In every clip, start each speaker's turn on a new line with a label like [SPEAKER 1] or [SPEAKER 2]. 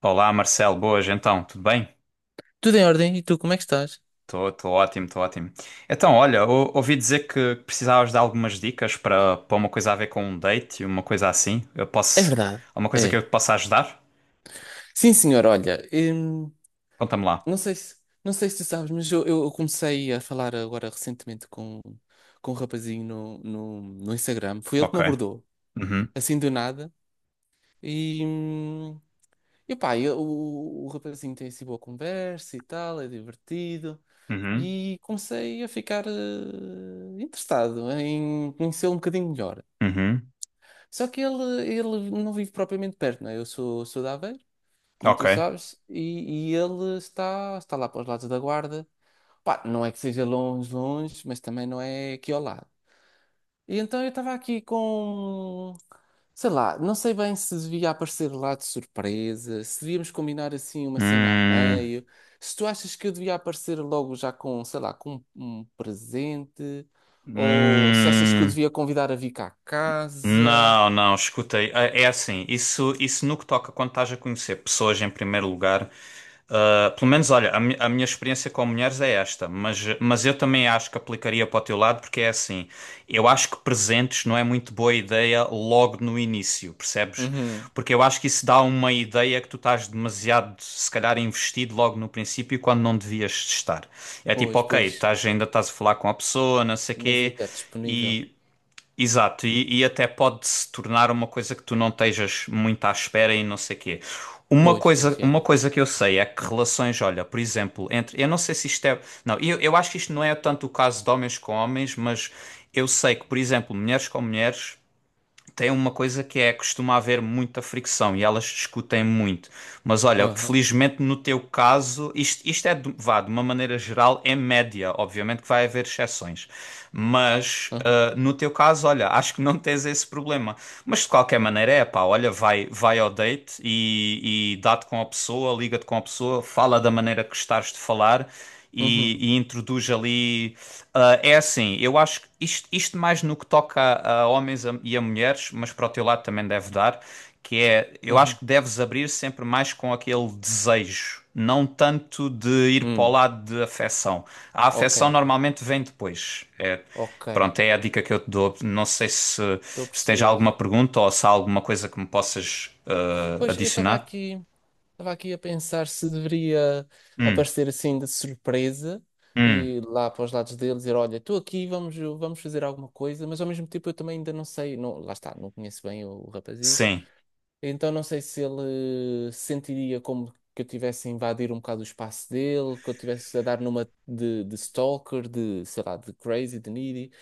[SPEAKER 1] Olá, Marcelo, boas, então, tudo bem?
[SPEAKER 2] Tudo em ordem? E tu, como é que estás?
[SPEAKER 1] Estou ótimo, estou ótimo. Então, olha, ouvi dizer que precisavas de algumas dicas para uma coisa a ver com um date, uma coisa assim. Eu
[SPEAKER 2] É
[SPEAKER 1] posso.
[SPEAKER 2] verdade.
[SPEAKER 1] Alguma coisa que eu
[SPEAKER 2] É.
[SPEAKER 1] te possa ajudar?
[SPEAKER 2] Sim, senhor, olha,
[SPEAKER 1] Conta-me lá.
[SPEAKER 2] não sei se, não sei se tu sabes, mas eu comecei a falar agora recentemente com um rapazinho no Instagram. Foi ele que
[SPEAKER 1] Ok.
[SPEAKER 2] me abordou,
[SPEAKER 1] Uhum,
[SPEAKER 2] assim do nada. E, hum, e pá, o rapazinho tem assim boa conversa e tal, é divertido.
[SPEAKER 1] uhum,
[SPEAKER 2] E comecei a ficar interessado em conhecê-lo um bocadinho melhor.
[SPEAKER 1] uhum.
[SPEAKER 2] Só que ele não vive propriamente perto, não é? Eu sou, sou de Aveiro, como
[SPEAKER 1] Ok.
[SPEAKER 2] tu sabes, e ele está, está lá para os lados da Guarda. Pá, não é que seja longe, longe, mas também não é aqui ao lado. E então eu estava aqui com, sei lá, não sei bem se devia aparecer lá de surpresa, se devíamos combinar assim uma cena a
[SPEAKER 1] Hum,
[SPEAKER 2] meio, se tu achas que eu devia aparecer logo já com, sei lá, com um presente, ou se achas que eu
[SPEAKER 1] hum.
[SPEAKER 2] devia convidar a vir cá a casa.
[SPEAKER 1] Não, não, escutei. É assim, isso no que toca quando estás a conhecer pessoas em primeiro lugar. Pelo menos, olha, a minha experiência com mulheres é esta, mas eu também acho que aplicaria para o teu lado, porque é assim, eu acho que presentes não é muito boa ideia logo no início, percebes?
[SPEAKER 2] Uhum.
[SPEAKER 1] Porque eu acho que isso dá uma ideia que tu estás demasiado, se calhar, investido logo no princípio quando não devias estar. É tipo,
[SPEAKER 2] Pois,
[SPEAKER 1] ok,
[SPEAKER 2] pois,
[SPEAKER 1] estás, ainda estás a falar com a pessoa, não sei o
[SPEAKER 2] mas
[SPEAKER 1] quê.
[SPEAKER 2] é disponível.
[SPEAKER 1] Exato, e até pode se tornar uma coisa que tu não estejas muito à espera e não sei quê.
[SPEAKER 2] Pois, pois, já.
[SPEAKER 1] Uma coisa que eu sei é que relações, olha, por exemplo, entre. Eu não sei se isto é. Não, eu acho que isto não é tanto o caso de homens com homens, mas eu sei que, por exemplo, mulheres com mulheres tem uma coisa que é costuma haver muita fricção e elas discutem muito. Mas olha,
[SPEAKER 2] Aham,
[SPEAKER 1] felizmente no teu caso, isto é, vá, de uma maneira geral, é média. Obviamente que vai haver exceções, mas.
[SPEAKER 2] aham.
[SPEAKER 1] Ah, no teu caso, olha, acho que não tens esse problema. Mas de qualquer maneira, é pá, olha, vai ao date e dá-te com a pessoa, liga-te com a pessoa, fala da maneira que gostares de falar e,
[SPEAKER 2] Uhum,
[SPEAKER 1] e introduz ali. É assim, eu acho que isto mais no que toca a homens e a mulheres, mas para o teu lado também deve dar, que é, eu acho
[SPEAKER 2] uhum,
[SPEAKER 1] que deves abrir sempre mais com aquele desejo, não tanto de ir para o
[SPEAKER 2] hum,
[SPEAKER 1] lado de afecção. A
[SPEAKER 2] ok,
[SPEAKER 1] afecção normalmente vem depois. É,
[SPEAKER 2] ok,
[SPEAKER 1] pronto, é a dica que eu te dou. Não sei se,
[SPEAKER 2] estou a
[SPEAKER 1] se tens alguma
[SPEAKER 2] perceber.
[SPEAKER 1] pergunta ou se há alguma coisa que me possas
[SPEAKER 2] Pois eu
[SPEAKER 1] adicionar.
[SPEAKER 2] estava aqui a pensar se deveria
[SPEAKER 1] Hum,
[SPEAKER 2] aparecer assim de surpresa
[SPEAKER 1] hum,
[SPEAKER 2] e lá para os lados deles dizer, olha, estou aqui, vamos, vamos fazer alguma coisa, mas ao mesmo tempo eu também ainda não sei, não, lá está, não conheço bem o rapazinho,
[SPEAKER 1] sim,
[SPEAKER 2] então não sei se ele se sentiria como que eu tivesse a invadir um bocado o espaço dele, que eu tivesse a dar numa de stalker, de, sei lá, de crazy, de needy.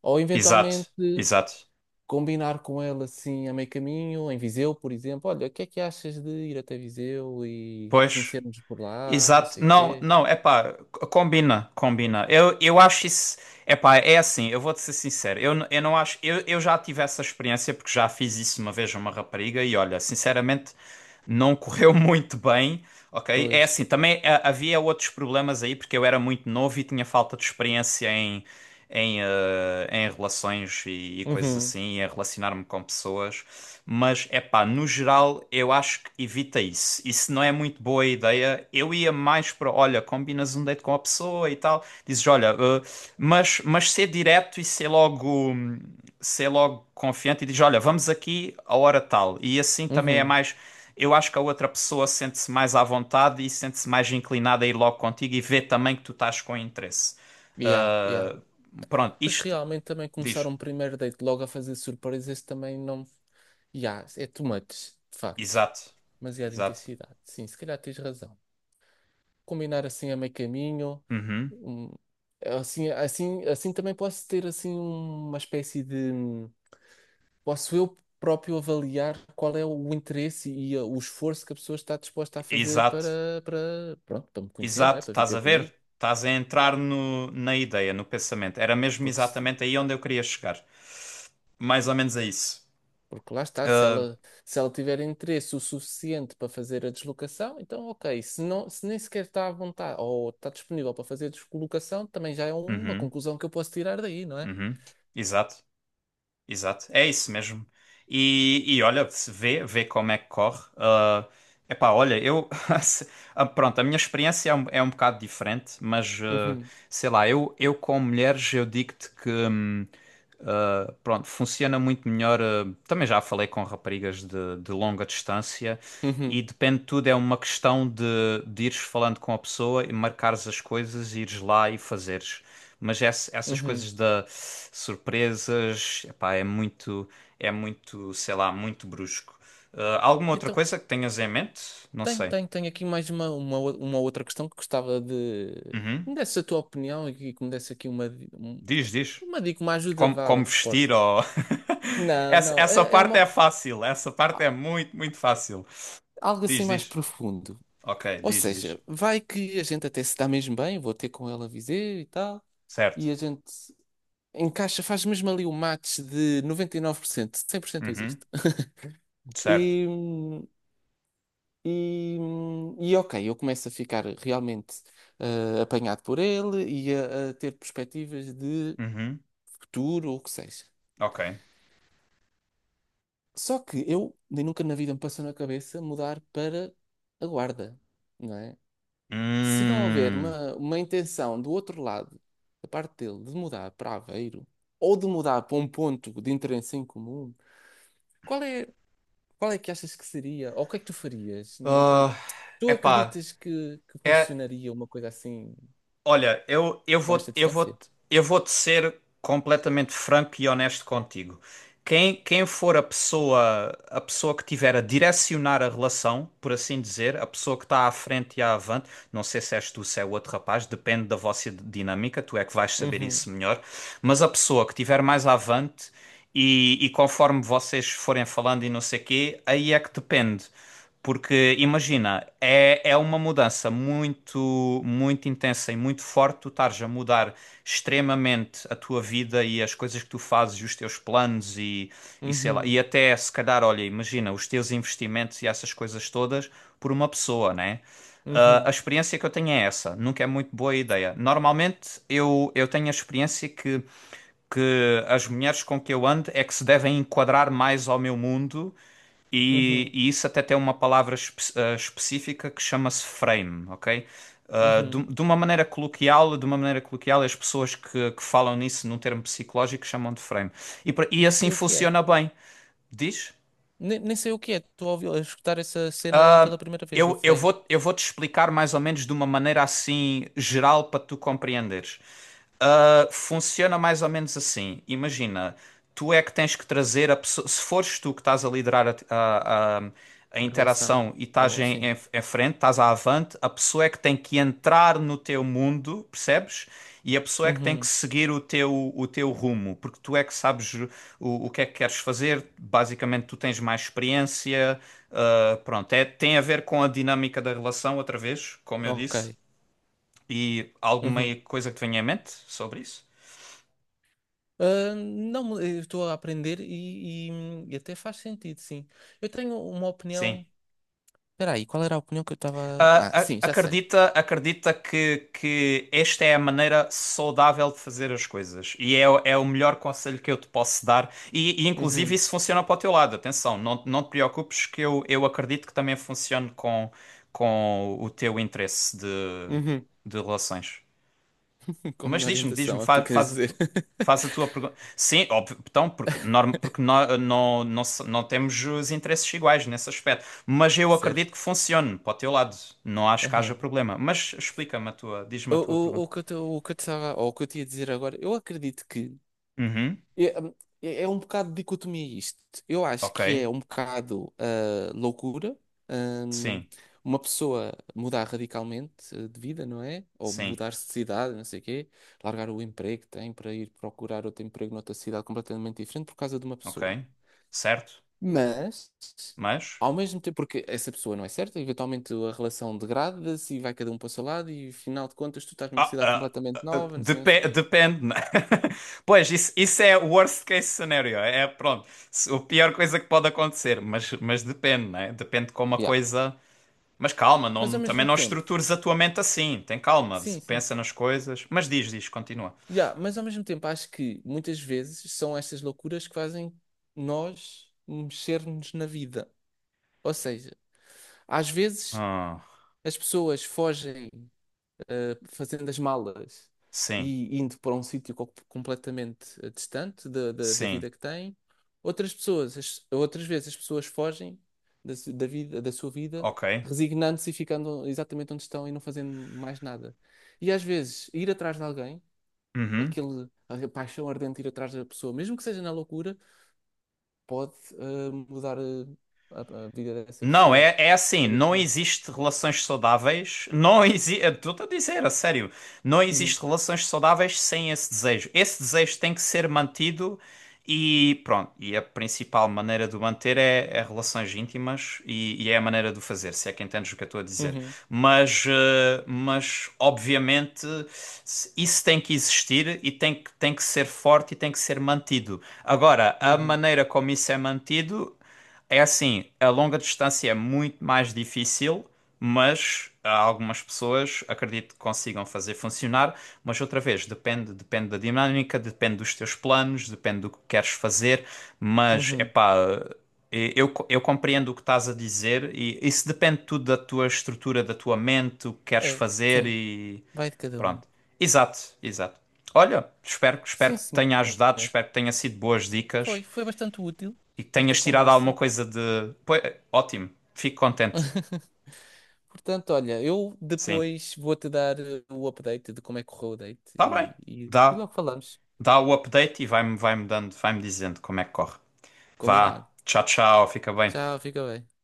[SPEAKER 2] Ou eventualmente
[SPEAKER 1] exato, exato.
[SPEAKER 2] combinar com ele assim a meio caminho, em Viseu, por exemplo. Olha, o que é que achas de ir até Viseu e
[SPEAKER 1] Pois.
[SPEAKER 2] conhecermos por lá, não
[SPEAKER 1] Exato.
[SPEAKER 2] sei o
[SPEAKER 1] Não,
[SPEAKER 2] quê?
[SPEAKER 1] não, é pá, combina, combina. Eu acho isso. É pá, é assim, eu vou-te ser sincero. Eu, eu não acho. Eu já tive essa experiência porque já fiz isso uma vez a uma rapariga e olha, sinceramente, não correu muito bem, ok? É
[SPEAKER 2] Pois.
[SPEAKER 1] assim, também havia outros problemas aí porque eu era muito novo e tinha falta de experiência em, em relações e coisas
[SPEAKER 2] Uhum,
[SPEAKER 1] assim, e em relacionar-me com pessoas. Mas é pá, no geral eu acho que evita isso. Isso não é muito boa ideia. Eu ia mais para, olha, combinas um date com a pessoa e tal. Dizes, olha, mas ser direto e ser logo confiante e dizes, olha, vamos aqui a hora tal. E assim também é
[SPEAKER 2] uhum.
[SPEAKER 1] mais. Eu acho que a outra pessoa sente-se mais à vontade e sente-se mais inclinada a ir logo contigo e vê também que tu estás com interesse.
[SPEAKER 2] Yeah, yeah.
[SPEAKER 1] Ah, pronto,
[SPEAKER 2] Pois
[SPEAKER 1] isto
[SPEAKER 2] realmente também começar
[SPEAKER 1] diz.
[SPEAKER 2] um primeiro date logo a fazer surpresas também não. Yeah, é too much, de facto.
[SPEAKER 1] Exato.
[SPEAKER 2] Demasiada
[SPEAKER 1] Exato.
[SPEAKER 2] intensidade. Sim, se calhar tens razão. Combinar assim a meio caminho.
[SPEAKER 1] Uhum.
[SPEAKER 2] hum, Assim, assim, assim também posso ter assim uma espécie de posso eu próprio avaliar qual é o interesse e o esforço que a pessoa está disposta a fazer para,
[SPEAKER 1] Exato.
[SPEAKER 2] para, pronto, para me conhecer, não é?
[SPEAKER 1] Exato,
[SPEAKER 2] Para vir
[SPEAKER 1] estás
[SPEAKER 2] ter
[SPEAKER 1] a ver?
[SPEAKER 2] comigo,
[SPEAKER 1] Estás a entrar no, na ideia, no pensamento. Era mesmo
[SPEAKER 2] porque,
[SPEAKER 1] exatamente aí onde eu queria chegar. Mais ou menos a isso.
[SPEAKER 2] porque lá está, se
[SPEAKER 1] Ah,
[SPEAKER 2] ela, se ela tiver interesse o suficiente para fazer a deslocação, então ok, se não, se nem sequer está à vontade ou está disponível para fazer a deslocação, também já é uma
[SPEAKER 1] uhum,
[SPEAKER 2] conclusão que eu posso tirar daí, não é?
[SPEAKER 1] uhum. Exato. Exato, é isso mesmo. E olha, se vê, vê como é que corre. Ah, epá, olha, eu. se- pronto, a minha experiência é um bocado diferente, mas
[SPEAKER 2] Uhum,
[SPEAKER 1] sei lá, eu com mulheres, eu digo-te que. Pronto, funciona muito melhor. Também já falei com raparigas de longa distância e
[SPEAKER 2] uhum,
[SPEAKER 1] depende de tudo, é uma questão de ires falando com a pessoa e marcares as coisas, ires lá e fazeres. Mas essas
[SPEAKER 2] uhum.
[SPEAKER 1] coisas da surpresas, epá, é muito, sei lá, muito brusco. Ah, alguma outra
[SPEAKER 2] Então,
[SPEAKER 1] coisa que tenhas em mente? Não
[SPEAKER 2] tenho,
[SPEAKER 1] sei.
[SPEAKER 2] tenho, tenho aqui mais uma, uma outra questão que gostava de
[SPEAKER 1] Uhum.
[SPEAKER 2] que me desse a tua opinião e que me desse aqui uma,
[SPEAKER 1] Diz, diz.
[SPEAKER 2] uma dica, uma ajuda,
[SPEAKER 1] Como,
[SPEAKER 2] vá, um
[SPEAKER 1] como
[SPEAKER 2] suporte.
[SPEAKER 1] vestir ou...
[SPEAKER 2] Não,
[SPEAKER 1] Essa,
[SPEAKER 2] não,
[SPEAKER 1] essa
[SPEAKER 2] é, é
[SPEAKER 1] parte é
[SPEAKER 2] uma,
[SPEAKER 1] fácil. Essa parte é
[SPEAKER 2] a-
[SPEAKER 1] muito, muito fácil.
[SPEAKER 2] algo assim
[SPEAKER 1] Diz,
[SPEAKER 2] mais
[SPEAKER 1] diz.
[SPEAKER 2] profundo.
[SPEAKER 1] Ok,
[SPEAKER 2] Ou
[SPEAKER 1] diz, diz.
[SPEAKER 2] seja, vai que a gente até se dá mesmo bem, vou ter com ela a dizer e tal, e
[SPEAKER 1] Certo.
[SPEAKER 2] a gente encaixa, faz mesmo ali o match de 99%, 100% não existe.
[SPEAKER 1] Uhum. Certo.
[SPEAKER 2] E, e ok, eu começo a ficar realmente apanhado por ele e a ter perspectivas de
[SPEAKER 1] Uhum.
[SPEAKER 2] futuro ou o que seja.
[SPEAKER 1] Ok.
[SPEAKER 2] Só que eu nem nunca na vida me passou na cabeça mudar para a Guarda, não é? Se não houver
[SPEAKER 1] Hum.
[SPEAKER 2] uma intenção do outro lado, da parte dele, de mudar para Aveiro ou de mudar para um ponto de interesse em comum, qual é, qual é que achas que seria? Ou o que é que tu farias? N-
[SPEAKER 1] Ah,
[SPEAKER 2] Tu
[SPEAKER 1] epá,
[SPEAKER 2] acreditas que
[SPEAKER 1] é
[SPEAKER 2] funcionaria uma coisa assim,
[SPEAKER 1] Olha, eu, eu
[SPEAKER 2] com
[SPEAKER 1] vou,
[SPEAKER 2] esta
[SPEAKER 1] eu vou,
[SPEAKER 2] distância?
[SPEAKER 1] eu vou-te ser completamente franco e honesto contigo. Quem, quem for a pessoa que tiver a direcionar a relação, por assim dizer, a pessoa que está à frente e à avante, não sei se és tu, se é o outro rapaz, depende da vossa dinâmica, tu é que vais saber
[SPEAKER 2] Uhum,
[SPEAKER 1] isso melhor, mas a pessoa que tiver mais à avante e conforme vocês forem falando e não sei quê, aí é que depende. Porque imagina, é, é uma mudança muito, muito intensa e muito forte. Tu estares a mudar extremamente a tua vida e as coisas que tu fazes, e os teus planos e sei lá.
[SPEAKER 2] uhum,
[SPEAKER 1] E até se calhar, olha, imagina os teus investimentos e essas coisas todas por uma pessoa, né? Ah, a
[SPEAKER 2] uhum,
[SPEAKER 1] experiência que eu tenho é essa. Nunca é muito boa ideia. Normalmente eu tenho a experiência que as mulheres com que eu ando é que se devem enquadrar mais ao meu mundo e,
[SPEAKER 2] uhum,
[SPEAKER 1] e isso até tem uma palavra específica que chama-se frame, ok? Ah,
[SPEAKER 2] uhum.
[SPEAKER 1] de uma maneira coloquial, de uma maneira coloquial, as pessoas que falam nisso num termo psicológico chamam de frame. E
[SPEAKER 2] Nem
[SPEAKER 1] assim
[SPEAKER 2] sei o que é.
[SPEAKER 1] funciona bem. Diz?
[SPEAKER 2] Nem, nem sei o que é. Estou a ouvir, a escutar essa cena pela primeira vez, do
[SPEAKER 1] Eu, eu
[SPEAKER 2] frame
[SPEAKER 1] vou, eu vou te explicar mais ou menos de uma maneira assim geral para tu compreenderes. Funciona mais ou menos assim. Imagina, tu é que tens que trazer a pessoa. Se fores tu que estás a liderar a, a
[SPEAKER 2] em relação.
[SPEAKER 1] interação e estás
[SPEAKER 2] Oh,
[SPEAKER 1] em,
[SPEAKER 2] sim.
[SPEAKER 1] em frente, estás à avante, a pessoa é que tem que entrar no teu mundo, percebes? E a pessoa é que tem que
[SPEAKER 2] Uhum.
[SPEAKER 1] seguir o teu rumo, porque tu é que sabes o que é que queres fazer. Basicamente, tu tens mais experiência. Pronto, é, tem a ver com a dinâmica da relação, outra vez, como eu
[SPEAKER 2] Ok.
[SPEAKER 1] disse. E alguma
[SPEAKER 2] Uhum.
[SPEAKER 1] coisa que te venha em mente sobre isso?
[SPEAKER 2] Ah, não, eu estou a aprender e, e até faz sentido, sim. Eu tenho uma
[SPEAKER 1] Sim.
[SPEAKER 2] opinião. Espera aí, qual era a opinião que eu estava. Ah, sim, já sei.
[SPEAKER 1] Acredita, acredita que esta é a maneira saudável de fazer as coisas e é, é o melhor conselho que eu te posso dar. E, inclusive
[SPEAKER 2] Uhum.
[SPEAKER 1] isso funciona para o teu lado. Atenção, não, não te preocupes que eu acredito que também funcione com o teu interesse
[SPEAKER 2] Uhum.
[SPEAKER 1] de relações.
[SPEAKER 2] Com a
[SPEAKER 1] Mas
[SPEAKER 2] minha
[SPEAKER 1] diz-me, diz-me,
[SPEAKER 2] orientação, é o que tu queres
[SPEAKER 1] faz, a
[SPEAKER 2] dizer.
[SPEAKER 1] tu, faz a tua pergunta. Sim, óbvio, então, porque, norm, porque não, não, não temos os interesses iguais nesse aspecto. Mas eu
[SPEAKER 2] Certo.
[SPEAKER 1] acredito que funcione para o teu lado. Não acho que haja
[SPEAKER 2] Aham.
[SPEAKER 1] problema. Mas explica-me a tua, diz-me a tua pergunta.
[SPEAKER 2] O que eu o que eu te estava, ou o que eu te ia dizer agora, eu acredito que
[SPEAKER 1] Uhum,
[SPEAKER 2] é, é um bocado de dicotomia isto. Eu acho
[SPEAKER 1] ok.
[SPEAKER 2] que é um bocado loucura, hum,
[SPEAKER 1] Sim,
[SPEAKER 2] uma pessoa mudar radicalmente de vida, não é? Ou
[SPEAKER 1] sim,
[SPEAKER 2] mudar-se de cidade, não sei o quê, largar o emprego que tem para ir procurar outro emprego noutra cidade completamente diferente por causa de uma
[SPEAKER 1] ok.
[SPEAKER 2] pessoa.
[SPEAKER 1] Certo.
[SPEAKER 2] Mas,
[SPEAKER 1] Mas.
[SPEAKER 2] ao mesmo tempo, porque essa pessoa não é certa, eventualmente a relação degrada-se e vai cada um para o seu lado, e afinal de contas, tu estás numa
[SPEAKER 1] Ah,
[SPEAKER 2] cidade
[SPEAKER 1] ah,
[SPEAKER 2] completamente nova, não sei, não sei o que mais.
[SPEAKER 1] Depende, né? Pois, isso é o worst case scenario. É, pronto, a pior coisa que pode acontecer, mas depende, né? Depende de como a
[SPEAKER 2] Yeah.
[SPEAKER 1] coisa. Mas calma,
[SPEAKER 2] Mas
[SPEAKER 1] não,
[SPEAKER 2] ao
[SPEAKER 1] também
[SPEAKER 2] mesmo
[SPEAKER 1] não
[SPEAKER 2] tempo,
[SPEAKER 1] estrutures a tua mente assim. Tem calma,
[SPEAKER 2] sim, sim.
[SPEAKER 1] pensa nas coisas. Mas diz, diz, continua.
[SPEAKER 2] Yeah, mas ao mesmo tempo, acho que muitas vezes são estas loucuras que fazem nós mexer-nos na vida. Ou seja, às vezes
[SPEAKER 1] Ah,
[SPEAKER 2] as pessoas fogem, fazendo as malas
[SPEAKER 1] sim,
[SPEAKER 2] e indo para um sítio completamente distante da, da, da
[SPEAKER 1] sim,
[SPEAKER 2] vida que têm. Outras pessoas, outras vezes as pessoas fogem da, da vida, da sua vida,
[SPEAKER 1] ok.
[SPEAKER 2] resignando-se e ficando exatamente onde estão e não fazendo mais nada. E às vezes ir atrás de alguém,
[SPEAKER 1] Uhum.
[SPEAKER 2] aquele, a paixão ardente de ir atrás da pessoa, mesmo que seja na loucura, pode mudar a vida dessa
[SPEAKER 1] Não,
[SPEAKER 2] pessoa
[SPEAKER 1] é, é assim, não
[SPEAKER 2] radicalmente.
[SPEAKER 1] existe relações saudáveis, não existe, estou a dizer, a sério, não
[SPEAKER 2] Uhum,
[SPEAKER 1] existe relações saudáveis sem esse desejo. Esse desejo tem que ser mantido e pronto, e a principal maneira de o manter é, é relações íntimas e é a maneira de o fazer, se é que entendes o que eu estou a dizer.
[SPEAKER 2] uhum,
[SPEAKER 1] Mas, mas obviamente isso tem que existir e tem que ser forte e tem que ser mantido. Agora, a
[SPEAKER 2] uhum,
[SPEAKER 1] maneira como isso é mantido é assim, a longa distância é muito mais difícil, mas há algumas pessoas acredito que consigam fazer funcionar, mas outra vez, depende, depende da dinâmica, depende dos teus planos, depende do que queres fazer, mas é
[SPEAKER 2] uhum.
[SPEAKER 1] pá, eu compreendo o que estás a dizer e isso depende tudo da tua estrutura, da tua mente, o que queres
[SPEAKER 2] É,
[SPEAKER 1] fazer
[SPEAKER 2] sim,
[SPEAKER 1] e
[SPEAKER 2] vai de cada um.
[SPEAKER 1] pronto. Exato, exato. Olha, espero, espero
[SPEAKER 2] Sim,
[SPEAKER 1] que te tenha ajudado,
[SPEAKER 2] senhor.
[SPEAKER 1] espero que tenha sido boas
[SPEAKER 2] Foi,
[SPEAKER 1] dicas
[SPEAKER 2] foi bastante útil
[SPEAKER 1] e que
[SPEAKER 2] nesta
[SPEAKER 1] tenhas tirado alguma
[SPEAKER 2] conversa.
[SPEAKER 1] coisa de. Pois, ótimo, fico contente.
[SPEAKER 2] Portanto, olha, eu
[SPEAKER 1] Sim,
[SPEAKER 2] depois vou-te dar o update de como é que correu o date
[SPEAKER 1] está bem.
[SPEAKER 2] e
[SPEAKER 1] Dá,
[SPEAKER 2] logo falamos.
[SPEAKER 1] dá o update e vai-me vai-me dando, vai-me dizendo como é que corre. Vá,
[SPEAKER 2] Combinado.
[SPEAKER 1] tchau, tchau, fica bem.
[SPEAKER 2] Tchau, fica bem.